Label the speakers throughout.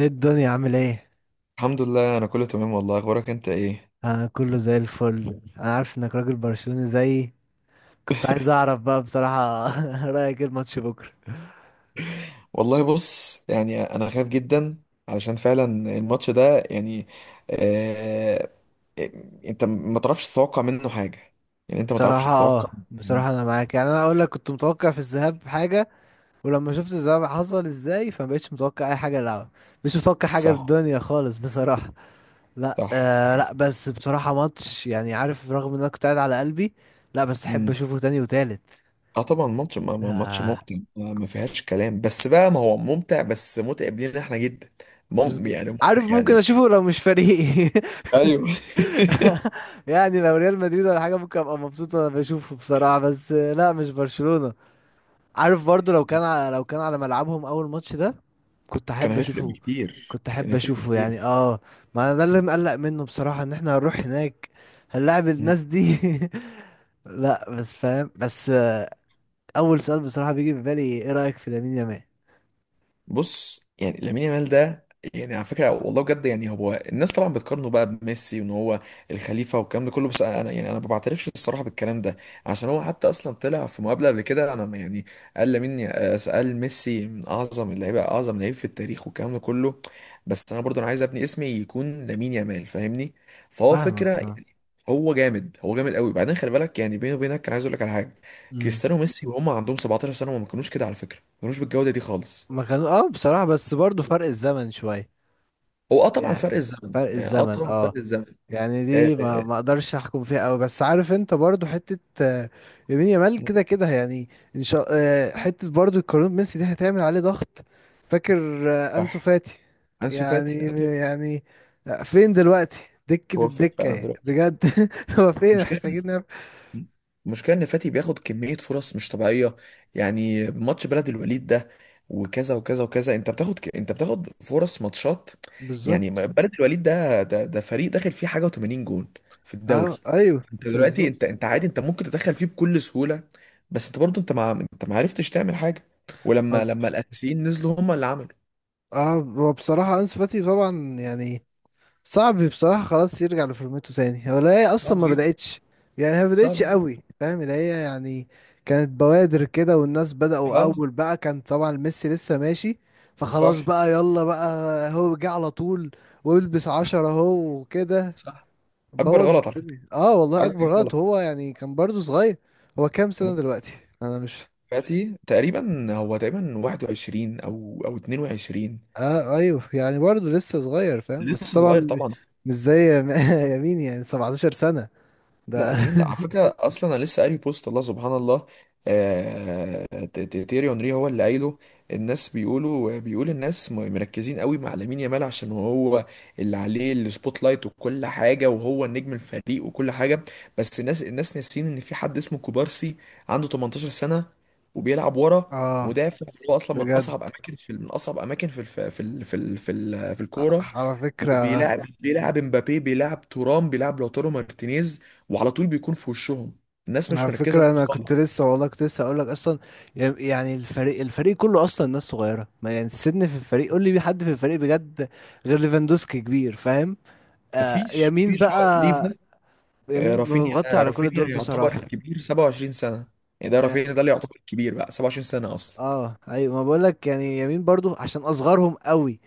Speaker 1: ايه الدنيا عامل ايه؟
Speaker 2: الحمد لله، انا كله تمام. والله اخبارك انت ايه؟
Speaker 1: انا كله زي الفل. انا عارف انك راجل برشلوني زيي. كنت عايز اعرف بقى بصراحة رأيك ايه الماتش بكرة؟
Speaker 2: والله بص، انا خايف جدا علشان فعلا الماتش ده يعني. آه إيه، انت ما تعرفش تتوقع منه حاجه. يعني انت ما تعرفش
Speaker 1: بصراحة
Speaker 2: تتوقع
Speaker 1: اه، بصراحة انا معاك يعني اقول لك كنت متوقع في الذهاب حاجة، ولما شفت الذهاب حصل ازاي فمبقتش متوقع اي حاجة العب. مش متوقع حاجة
Speaker 2: صح،
Speaker 1: الدنيا خالص بصراحة. لا
Speaker 2: صح،
Speaker 1: آه لا،
Speaker 2: صح.
Speaker 1: بس بصراحة ماتش يعني عارف رغم ان انا كنت قاعد على قلبي. لا بس احب
Speaker 2: مم.
Speaker 1: اشوفه تاني وتالت.
Speaker 2: اه طبعا ماتش ماتش
Speaker 1: آه.
Speaker 2: ممتع، ما فيهاش كلام، بس بقى ما هو ممتع بس متعب لينا احنا جدا. يعني متعب
Speaker 1: عارف ممكن
Speaker 2: يعني.
Speaker 1: اشوفه لو مش فريقي
Speaker 2: ايوه
Speaker 1: يعني لو ريال مدريد ولا حاجه ممكن ابقى مبسوط وانا بشوفه بصراحه، بس لا مش برشلونه. عارف برضو لو كان على ملعبهم اول ماتش ده كنت
Speaker 2: كان
Speaker 1: احب
Speaker 2: هيفرق
Speaker 1: اشوفه.
Speaker 2: بكتير،
Speaker 1: كنت
Speaker 2: كان
Speaker 1: احب
Speaker 2: هيفرق
Speaker 1: اشوفه يعني
Speaker 2: بكتير.
Speaker 1: اه. ما انا ده اللي مقلق منه بصراحه، ان احنا هنروح هناك هنلاعب الناس دي. لا بس فاهم بس اول سؤال بصراحه بيجي في بالي، ايه رايك في لامين يامال؟
Speaker 2: بص، يعني لامين يامال ده، يعني على فكره والله بجد، يعني هو الناس طبعا بتقارنه بقى بميسي وان هو الخليفه والكلام ده كله، بس انا ما بعترفش الصراحه بالكلام ده. عشان هو حتى اصلا طلع في مقابله قبل كده. انا ما- يعني قال ميسي من اعظم اللعيبه، اعظم لعيب في التاريخ والكلام ده كله. بس انا عايز ابني اسمي يكون لامين يامال، فاهمني؟ فهو
Speaker 1: فاهمك
Speaker 2: فكره
Speaker 1: فاهم.
Speaker 2: يعني، هو جامد، هو جامد قوي. بعدين خلي بالك، يعني بيني وبينك، كان عايز اقول لك على حاجه.
Speaker 1: امم.
Speaker 2: كريستيانو وميسي وهم عندهم 17 سنه وما كانوش كده على فكره، ما كانوش بالجوده دي خالص.
Speaker 1: ما كانوا اه بصراحه، بس برضو فرق الزمن شويه
Speaker 2: هو طبعا فرق
Speaker 1: يعني.
Speaker 2: الزمن،
Speaker 1: فرق الزمن
Speaker 2: طبعا فرق
Speaker 1: اه.
Speaker 2: الزمن.
Speaker 1: يعني دي
Speaker 2: آه.
Speaker 1: ما اقدرش احكم فيها قوي، بس عارف انت برضو حته يمين يامال كده كده يعني. ان شاء حته برضو القانون ميسي دي هتعمل عليه ضغط، فاكر انسو
Speaker 2: صح.
Speaker 1: فاتي.
Speaker 2: انسو
Speaker 1: يعني
Speaker 2: فاتي آه طبعا.
Speaker 1: يعني فين دلوقتي؟ دكه
Speaker 2: هو فين
Speaker 1: الدكه
Speaker 2: فعلا
Speaker 1: يعني.
Speaker 2: دلوقتي؟
Speaker 1: بجد. هو فين؟
Speaker 2: المشكله
Speaker 1: محتاجين نعرف.
Speaker 2: المشكله ان فاتي بياخد كميه فرص مش طبيعيه. يعني ماتش بلد الوليد ده وكذا وكذا وكذا، انت بتاخد فرص ماتشات. يعني
Speaker 1: بالظبط.
Speaker 2: بلد الوليد ده، ده فريق داخل فيه حاجه و80 جون في الدوري.
Speaker 1: اه ايوه.
Speaker 2: انت دلوقتي،
Speaker 1: بالظبط.
Speaker 2: انت عادي، انت ممكن تدخل فيه بكل سهوله. بس انت برضو، انت ما عرفتش تعمل حاجه. ولما
Speaker 1: طب
Speaker 2: لما الاساسيين نزلوا، هم اللي عملوا.
Speaker 1: اه، هو بصراحه انسو فاتي طبعا يعني صعب بصراحة خلاص يرجع لفورمته تاني. هو لا، هي أصلا
Speaker 2: صعب.
Speaker 1: ما بدأتش يعني. هي ما
Speaker 2: صعب.
Speaker 1: بدأتش قوي، فاهم اللي هي يعني. كانت بوادر كده والناس بدأوا
Speaker 2: اه.
Speaker 1: أول بقى. كان طبعا ميسي لسه ماشي فخلاص
Speaker 2: صح،
Speaker 1: بقى، يلا بقى. هو جه على طول والبس عشرة هو وكده،
Speaker 2: صح. اكبر
Speaker 1: بوظ
Speaker 2: غلط على فكره،
Speaker 1: الدنيا. اه والله أكبر
Speaker 2: اكبر غلط.
Speaker 1: غلط هو، يعني كان برضو صغير. هو كام
Speaker 2: كمان.
Speaker 1: سنة دلوقتي؟ أنا مش.
Speaker 2: دلوقتي تقريبا، هو تقريبا 21 او 22.
Speaker 1: اه أيوه، يعني برضو لسه صغير، فاهم، بس
Speaker 2: لسه
Speaker 1: طبعا
Speaker 2: صغير
Speaker 1: مش.
Speaker 2: طبعا.
Speaker 1: مش زي يمين. يعني 17 سنة
Speaker 2: لا
Speaker 1: ده.
Speaker 2: ده مين ده على فكره؟ اصلا انا لسه قاري بوست، الله سبحان الله. تيري اونري هو اللي قايله. الناس بيقول الناس مركزين قوي مع لامين يامال عشان هو اللي عليه السبوت لايت وكل حاجه، وهو النجم الفريق وكل حاجه. بس الناس ناسيين ان في حد اسمه كوبارسي، عنده 18 سنه وبيلعب ورا
Speaker 1: اه
Speaker 2: مدافع. هو اصلا من
Speaker 1: بجد.
Speaker 2: اصعب اماكن، في من اصعب اماكن في الف... في ال... في ال... في ال... في الكوره.
Speaker 1: على فكرة.
Speaker 2: وبيلعب، بيلعب مبابي، بيلعب تورام، بيلعب لوتارو مارتينيز، وعلى طول بيكون في وشهم. الناس مش
Speaker 1: على
Speaker 2: مركزه
Speaker 1: فكرة
Speaker 2: معاه
Speaker 1: أنا كنت
Speaker 2: خالص.
Speaker 1: لسه والله، كنت لسه أقول لك أصلا يعني الفريق كله أصلا ناس صغيرة. ما يعني السن في الفريق، قول لي مين حد في الفريق بجد غير ليفاندوسكي كبير، فاهم. آه يمين
Speaker 2: مفيش. هو ليفا،
Speaker 1: بقى.
Speaker 2: آه،
Speaker 1: يمين مغطي
Speaker 2: رافينيا.
Speaker 1: على كل
Speaker 2: رافينيا
Speaker 1: دول
Speaker 2: يعتبر
Speaker 1: بصراحة
Speaker 2: الكبير، 27 سنه. يعني ده رافينيا ده
Speaker 1: يعني.
Speaker 2: اللي يعتبر الكبير بقى، 27 سنه اصلا.
Speaker 1: اه أيوة، ما بقول لك يعني يمين برضو عشان أصغرهم قوي،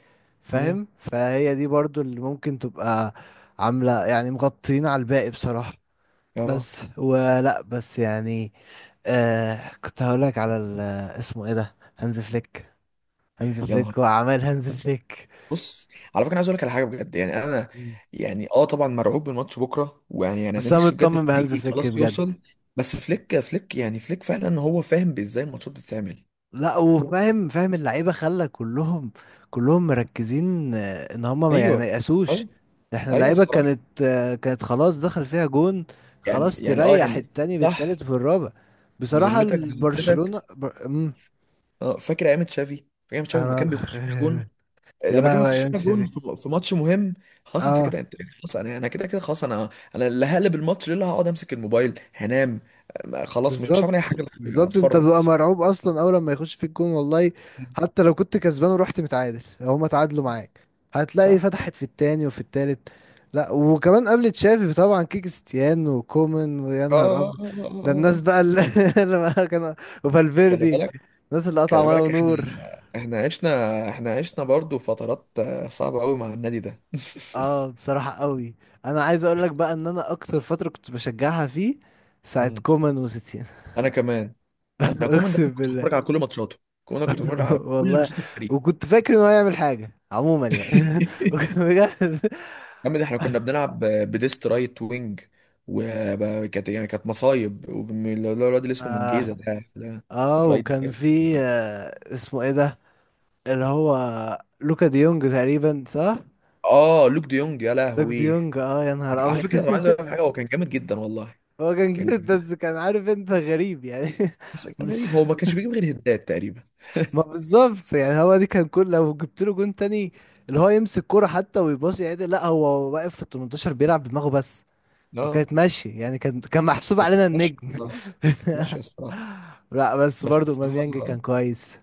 Speaker 2: امم
Speaker 1: فاهم. فهي دي برضو اللي ممكن تبقى عاملة يعني مغطيين على الباقي بصراحة.
Speaker 2: اه
Speaker 1: بس ولا بس يعني آه، كنت هقولك على اسمه ايه ده؟ هانز فليك. هانز
Speaker 2: يا نهار.
Speaker 1: فليك وأعمال هانز فليك.
Speaker 2: بص، على فكره انا عايز اقول لك على حاجه بجد، يعني انا
Speaker 1: مم.
Speaker 2: يعني اه طبعا مرعوب من ماتش بكره. ويعني انا
Speaker 1: بس انا
Speaker 2: نفسي بجد
Speaker 1: مطمن بهانز
Speaker 2: الفريق
Speaker 1: فليك
Speaker 2: خلاص
Speaker 1: بجد.
Speaker 2: يوصل. بس فليك، فليك فعلا هو فاهم ازاي الماتشات بتتعمل.
Speaker 1: لا وفاهم، فاهم اللعيبه، خلى كلهم مركزين ان هم يعني ما
Speaker 2: ايوه،
Speaker 1: يقاسوش.
Speaker 2: ايوه،
Speaker 1: احنا
Speaker 2: ايوه،
Speaker 1: اللعيبه
Speaker 2: الصراحه.
Speaker 1: كانت كانت خلاص دخل فيها جون،
Speaker 2: يعني
Speaker 1: خلاص
Speaker 2: يعني اه
Speaker 1: تريح
Speaker 2: يعني
Speaker 1: التاني
Speaker 2: صح.
Speaker 1: بالتالت والرابع. بصراحه
Speaker 2: بذمتك،
Speaker 1: البرشلونه
Speaker 2: بذمتك،
Speaker 1: مم.
Speaker 2: اه فاكر ايام تشافي؟ فاكر ايام تشافي لما
Speaker 1: انا
Speaker 2: كان بيخش فيها جون،
Speaker 1: يا
Speaker 2: لما كان
Speaker 1: لهوي
Speaker 2: بيخش
Speaker 1: يا
Speaker 2: فيها
Speaker 1: شبي.
Speaker 2: في ماتش مهم؟ خلاص انت
Speaker 1: اه
Speaker 2: كده، انت خلاص، انا كده خلاص. انا انا اللي هقلب الماتش ليه، اللي هقعد امسك الموبايل هنام. خلاص مش هعمل اي
Speaker 1: بالظبط.
Speaker 2: حاجه غير
Speaker 1: بالظبط انت
Speaker 2: اتفرج
Speaker 1: بتبقى
Speaker 2: بس.
Speaker 1: مرعوب اصلا اول لما يخش في الجون، والله حتى لو كنت كسبان ورحت متعادل، لو هما تعادلوا معاك هتلاقي
Speaker 2: صح.
Speaker 1: فتحت في التاني وفي التالت. لا وكمان قبل تشافي طبعا كيكستيان وكومان، ويا
Speaker 2: اه،
Speaker 1: نهار
Speaker 2: اه،
Speaker 1: ابيض،
Speaker 2: اه، اه،
Speaker 1: ده
Speaker 2: اه، اه.
Speaker 1: الناس
Speaker 2: آه.
Speaker 1: بقى اللي اللي بقى كان
Speaker 2: خلي
Speaker 1: وفالفيردي،
Speaker 2: بالك،
Speaker 1: الناس اللي قطع
Speaker 2: خلي
Speaker 1: ميه
Speaker 2: بالك احنا،
Speaker 1: ونور.
Speaker 2: عشنا، عشنا برضو فترات، آه، صعبه قوي مع النادي ده
Speaker 1: اه بصراحة قوي. انا عايز اقول لك بقى ان انا اكتر فترة كنت بشجعها فيه ساعة
Speaker 2: مم.
Speaker 1: كومان وستين.
Speaker 2: انا كمان. أنا كومان ده،
Speaker 1: اقسم
Speaker 2: أنا كنت
Speaker 1: بالله.
Speaker 2: بتفرج على كل ماتشاته. كومان ده كنت بتفرج على كل
Speaker 1: والله.
Speaker 2: ماتشات الفريق.
Speaker 1: وكنت فاكر انه هيعمل حاجة عموما يعني وكان بجد
Speaker 2: يا عم، ده احنا كنا بنلعب بديست رايت وينج، وكانت يعني كانت مصايب. اللي هو الواد اللي اسمه منجيزة
Speaker 1: اه.
Speaker 2: ده الرايت.
Speaker 1: وكان في آه اسمه ايه ده اللي هو لوكا ديونج تقريبا، صح؟
Speaker 2: اه لوك ديونج، يا
Speaker 1: لوكا
Speaker 2: لهوي.
Speaker 1: ديونج اه، يا نهار
Speaker 2: على
Speaker 1: ابيض.
Speaker 2: فكرة أنا عايز اقول لك حاجة، هو كان جامد جدا والله.
Speaker 1: هو كان
Speaker 2: كان
Speaker 1: جامد،
Speaker 2: جامد.
Speaker 1: بس كان عارف انت غريب يعني.
Speaker 2: بس كان
Speaker 1: مش.
Speaker 2: غريب، هو ما كانش بيجيب غير هدات تقريبا.
Speaker 1: ما بالظبط يعني، هو دي كان كل لو جبت له جون تاني اللي هو يمسك كرة حتى ويباصي عادي، لا هو واقف في ال 18 بيلعب بدماغه بس.
Speaker 2: اه.
Speaker 1: وكانت ماشية يعني، كان محسوب
Speaker 2: كانت
Speaker 1: علينا
Speaker 2: ماشية
Speaker 1: النجم.
Speaker 2: الصراحة. كانت ماشية الصراحة،
Speaker 1: لا بس
Speaker 2: بس
Speaker 1: برضو اوباميانج
Speaker 2: الصراحة
Speaker 1: كان كويس.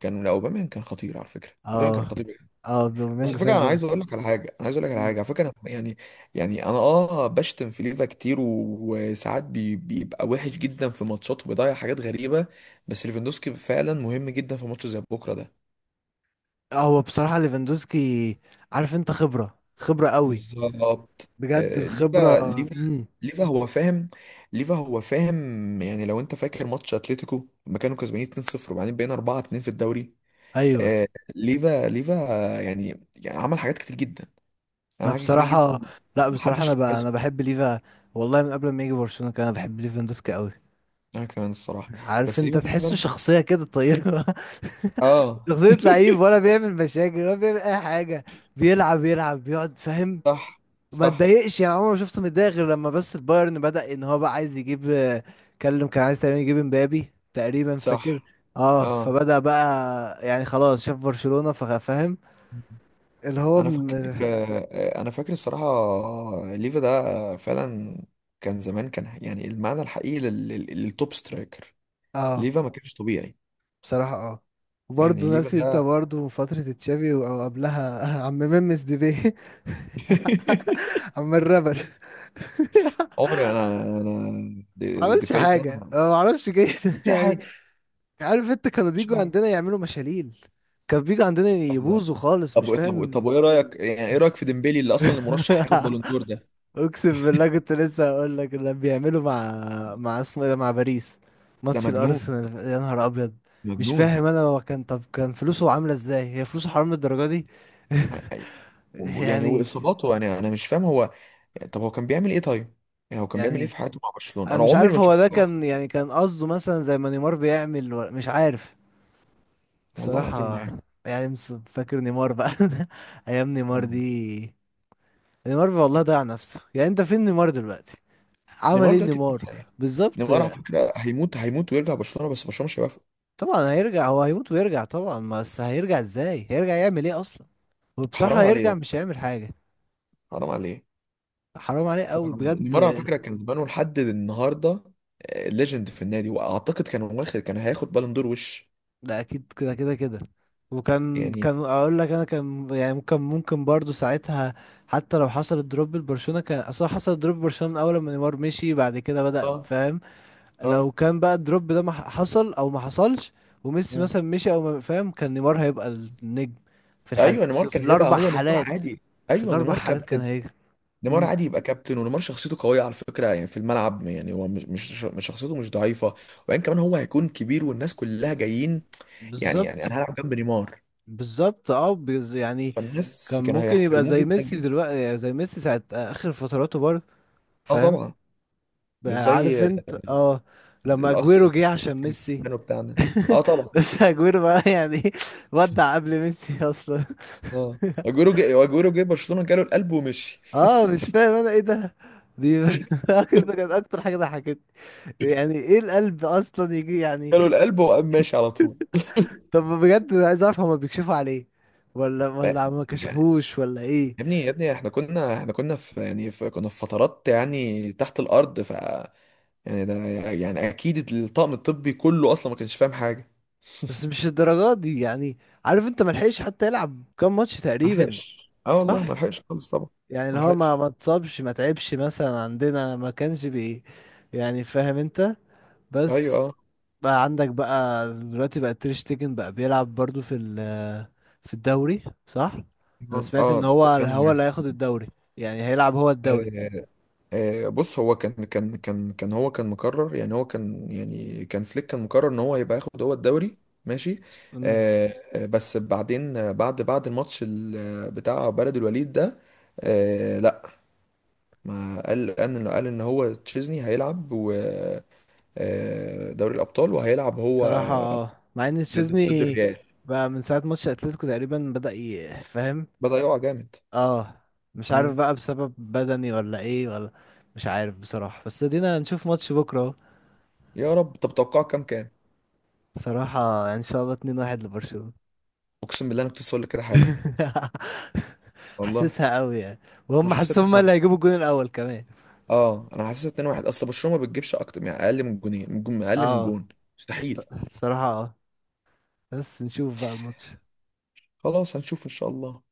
Speaker 2: كان، لا اوباما كان خطير، على فكرة
Speaker 1: اه.
Speaker 2: اوباما كان خطير.
Speaker 1: اه
Speaker 2: بس
Speaker 1: اوباميانج
Speaker 2: على فكره،
Speaker 1: فعلا كويس.
Speaker 2: انا عايز اقول لك على حاجه
Speaker 1: مم.
Speaker 2: على فكره أنا يعني، يعني انا اه بشتم في ليفا كتير، وساعات بيبقى وحش جدا في ماتشات، وبيضيع حاجات غريبه. بس ليفاندوسكي فعلا مهم جدا في ماتش زي بكره ده.
Speaker 1: هو بصراحة ليفاندوسكي، عارف انت، خبرة قوي.
Speaker 2: بالظبط،
Speaker 1: بجد
Speaker 2: آه،
Speaker 1: الخبرة.
Speaker 2: ليفا، ليفا،
Speaker 1: امم.
Speaker 2: ليفا هو فاهم. ليفا هو فاهم. يعني لو انت فاكر ماتش اتلتيكو، لما كانوا كسبانين 2-0، وبعدين بقينا 4-2 في الدوري.
Speaker 1: ايوه.
Speaker 2: آه، ليفا، ليفا، يعني عمل حاجات كتير جدا، يعني
Speaker 1: ما
Speaker 2: عمل حاجات كتير جدا.
Speaker 1: بصراحة لا بصراحة
Speaker 2: محدش.
Speaker 1: انا بحب ليفا، والله من قبل ما يجي برشلونة كان انا بحب ليفاندوسكي قوي.
Speaker 2: انا كمان الصراحة.
Speaker 1: عارف
Speaker 2: بس
Speaker 1: انت
Speaker 2: ايوه
Speaker 1: تحسه
Speaker 2: فعلا.
Speaker 1: شخصية كده طيبة.
Speaker 2: اه.
Speaker 1: شخصية لعيب، ولا بيعمل مشاكل ولا بيعمل أي حاجة. بيلعب، يلعب بيقعد، فاهم.
Speaker 2: صح،
Speaker 1: ما
Speaker 2: صح،
Speaker 1: اتضايقش يعني، عمري ما شفته متضايق غير لما بس البايرن بدأ إن هو بقى عايز يجيب، كلم كان عايز تقريبا يجيب امبابي تقريبا، فاكر.
Speaker 2: صح.
Speaker 1: اه،
Speaker 2: اه
Speaker 1: فبدأ بقى يعني خلاص شاف برشلونة ففاهم اللي هو
Speaker 2: انا فاكر، آه، انا فاكر الصراحة. آه، ليفا ده فعلا كان زمان، كان يعني المعنى الحقيقي للتوب سترايكر.
Speaker 1: اه
Speaker 2: ليفا ما كانش طبيعي.
Speaker 1: بصراحة اه. وبرضه
Speaker 2: يعني ليفا
Speaker 1: ناسي انت
Speaker 2: ده
Speaker 1: برضه فترة تشافي او قبلها عم ممس ديبي. عم الرابر.
Speaker 2: عمري انا انا أنا
Speaker 1: ما
Speaker 2: دي
Speaker 1: عملش
Speaker 2: باي ده
Speaker 1: حاجة، ما اعرفش جاي
Speaker 2: مش أي
Speaker 1: يعني.
Speaker 2: حاجة،
Speaker 1: عارف انت، كانوا
Speaker 2: مش أي
Speaker 1: بيجوا
Speaker 2: حاجة.
Speaker 1: عندنا يعملوا مشاليل، كانوا بيجوا عندنا
Speaker 2: طب،
Speaker 1: يبوظوا خالص، مش
Speaker 2: طب
Speaker 1: فاهم.
Speaker 2: وايه رأيك، يعني ايه رأيك في ديمبلي اللي اصلا المرشح هياخد بالون دور ده؟
Speaker 1: اقسم بالله كنت لسه هقول لك اللي بيعملوا مع اسمه ايه ده، مع باريس.
Speaker 2: ده
Speaker 1: ماتش
Speaker 2: مجنون،
Speaker 1: الارسنال، يا نهار ابيض. مش
Speaker 2: مجنون.
Speaker 1: فاهم انا، هو كان طب كان فلوسه عامله ازاي؟ هي فلوسه حرام للدرجه دي؟ يعني
Speaker 2: واصاباته، انا مش فاهم هو يعني، طب هو كان بيعمل ايه طيب؟ يعني هو كان بيعمل ايه
Speaker 1: يعني.
Speaker 2: في حياته مع برشلونه؟
Speaker 1: انا
Speaker 2: انا
Speaker 1: مش
Speaker 2: عمري
Speaker 1: عارف
Speaker 2: ما شفت
Speaker 1: هو ده
Speaker 2: له.
Speaker 1: كان يعني كان قصده مثلا زي ما نيمار بيعمل مش عارف
Speaker 2: والله العظيم ما
Speaker 1: بصراحه.
Speaker 2: عارف.
Speaker 1: يعني فاكر نيمار بقى. ايام نيمار
Speaker 2: أنا-
Speaker 1: دي، نيمار والله ضيع نفسه. يعني انت فين نيمار دلوقتي؟ عمل
Speaker 2: نيمار
Speaker 1: ايه
Speaker 2: دلوقتي في
Speaker 1: نيمار؟
Speaker 2: الحقيقة.
Speaker 1: بالظبط.
Speaker 2: نيمار على فكره هيموت، هيموت ويرجع برشلونه، بس برشلونه مش هيوافق.
Speaker 1: طبعا هيرجع، هو هيموت ويرجع طبعا، بس هيرجع ازاي؟ هيرجع يعمل ايه اصلا؟
Speaker 2: حرام
Speaker 1: وبصراحة هيرجع
Speaker 2: عليه،
Speaker 1: مش هيعمل حاجة.
Speaker 2: حرام عليه،
Speaker 1: حرام عليه قوي
Speaker 2: حرام عليه.
Speaker 1: بجد.
Speaker 2: نيمار على فكره كان زمانه لحد النهارده ليجند في النادي، واعتقد كان هياخد بالون دور وش.
Speaker 1: لا اكيد كده كده كده. وكان
Speaker 2: يعني
Speaker 1: اقول لك انا، كان يعني ممكن ممكن برضو ساعتها حتى لو حصل الدروب لبرشلونة، كان اصلا حصل الدروب لبرشلونة من اول ما نيمار مشي، بعد كده بدأ،
Speaker 2: اه،
Speaker 1: فاهم.
Speaker 2: اه.
Speaker 1: لو كان بقى الدروب ده ما ح- حصل او ما حصلش وميسي
Speaker 2: مم.
Speaker 1: مثلا مشي او ما، فاهم، كان نيمار هيبقى النجم. في الحال،
Speaker 2: ايوه نيمار
Speaker 1: في
Speaker 2: كان هيبقى
Speaker 1: الاربع
Speaker 2: هو نيمار،
Speaker 1: حالات.
Speaker 2: عادي.
Speaker 1: في
Speaker 2: ايوه
Speaker 1: الاربع
Speaker 2: نيمار
Speaker 1: حالات كان
Speaker 2: كابتن.
Speaker 1: هيجي.
Speaker 2: نيمار عادي يبقى كابتن، ونيمار شخصيته قوية على فكرة، يعني في الملعب يعني هو مش، مش شخصيته مش ضعيفة. وبعدين كمان هو هيكون كبير والناس كلها جايين، يعني، انا
Speaker 1: بالظبط.
Speaker 2: هلعب جنب نيمار.
Speaker 1: بالظبط اه، يعني
Speaker 2: فالناس
Speaker 1: كان
Speaker 2: كانوا
Speaker 1: ممكن يبقى
Speaker 2: هيحترموه
Speaker 1: زي
Speaker 2: جدا
Speaker 1: ميسي
Speaker 2: جدا.
Speaker 1: دلوقتي، يعني زي ميسي ساعة آخر فتراته برضه،
Speaker 2: اه
Speaker 1: فاهم
Speaker 2: طبعا. مش
Speaker 1: بقى. عارف
Speaker 2: زي
Speaker 1: انت اه، لما
Speaker 2: الاخ.
Speaker 1: اجويرو جه عشان ميسي.
Speaker 2: كانوا بتاعنا. اه طبعا.
Speaker 1: بس اجويرو بقى يعني ودع قبل ميسي اصلا.
Speaker 2: اه اجويرو جه، برشلونة جاله القلب ومشي.
Speaker 1: اه مش فاهم انا ايه ده، دي كده كانت اكتر حاجة ضحكتني. يعني ايه القلب اصلا يجي يعني؟
Speaker 2: جاله القلب وقام ماشي على طول.
Speaker 1: طب بجد انا عايز اعرف، هما بيكشفوا عليه ولا
Speaker 2: لا،
Speaker 1: ما
Speaker 2: يعني
Speaker 1: كشفوش، ولا ايه؟
Speaker 2: يا ابني، يا ابني احنا كنا، احنا كنا في يعني في كنا في فترات، يعني تحت الارض ف، يعني ده، يعني اكيد الطاقم الطبي كله اصلا ما كانش فاهم حاجه.
Speaker 1: بس مش الدرجات دي يعني. عارف انت ملحقش حتى يلعب كام ماتش تقريبا،
Speaker 2: ملحقش، اه والله ما
Speaker 1: صح؟
Speaker 2: لحقش خالص طبعا.
Speaker 1: يعني
Speaker 2: ما
Speaker 1: اللي هو
Speaker 2: لحقش.
Speaker 1: ما اتصابش، ما تعبش مثلا، عندنا ما كانش بي يعني، فاهم انت.
Speaker 2: ايوه،
Speaker 1: بس
Speaker 2: اه،
Speaker 1: بقى عندك بقى دلوقتي بقى تير شتيجن بقى بيلعب برضو في في الدوري، صح؟ انا
Speaker 2: اه.
Speaker 1: سمعت ان
Speaker 2: آه، يا
Speaker 1: هو
Speaker 2: نهار
Speaker 1: اللي هياخد الدوري، يعني هيلعب هو الدوري.
Speaker 2: أبيض. آه. آه بص، هو كان هو كان مقرر، يعني هو كان يعني كان فليك كان مقرر ان هو هيبقى ياخد هو الدوري. ماشي.
Speaker 1: امم.
Speaker 2: آه. آه، بس بعدين آه، بعد الماتش بتاع بلد الوليد ده. آه لا، ما قال قال انه، قال ان هو تشيزني هيلعب، و آه، دوري الابطال وهيلعب هو
Speaker 1: صراحة اه، مع ان
Speaker 2: ضد،
Speaker 1: تشيزني
Speaker 2: الريال.
Speaker 1: بقى من ساعة ماتش اتلتيكو تقريبا بدأ يفهم.
Speaker 2: بضيعه جامد.
Speaker 1: اه، مش عارف
Speaker 2: مم.
Speaker 1: بقى بسبب بدني ولا ايه ولا. مش عارف بصراحة، بس ادينا نشوف ماتش بكرة اهو.
Speaker 2: يا رب. طب توقعه كام،
Speaker 1: بصراحة يعني ان شاء الله 2-1 لبرشلونة.
Speaker 2: اقسم بالله انا كنت لسه هقول لك كده حالا، والله.
Speaker 1: حاسسها قوي يعني.
Speaker 2: انا
Speaker 1: وهم
Speaker 2: حسيت
Speaker 1: حاسسهم هم
Speaker 2: 2-1.
Speaker 1: اللي هيجيبوا الجون الاول كمان.
Speaker 2: اه انا حسيت 2-1. اصل برشلونه ما بتجيبش اكتر، يعني اقل من جونين، من جون اقل من
Speaker 1: اه
Speaker 2: جون مستحيل.
Speaker 1: بصراحة اه، بس نشوف بقى الماتش.
Speaker 2: خلاص، هنشوف ان شاء الله.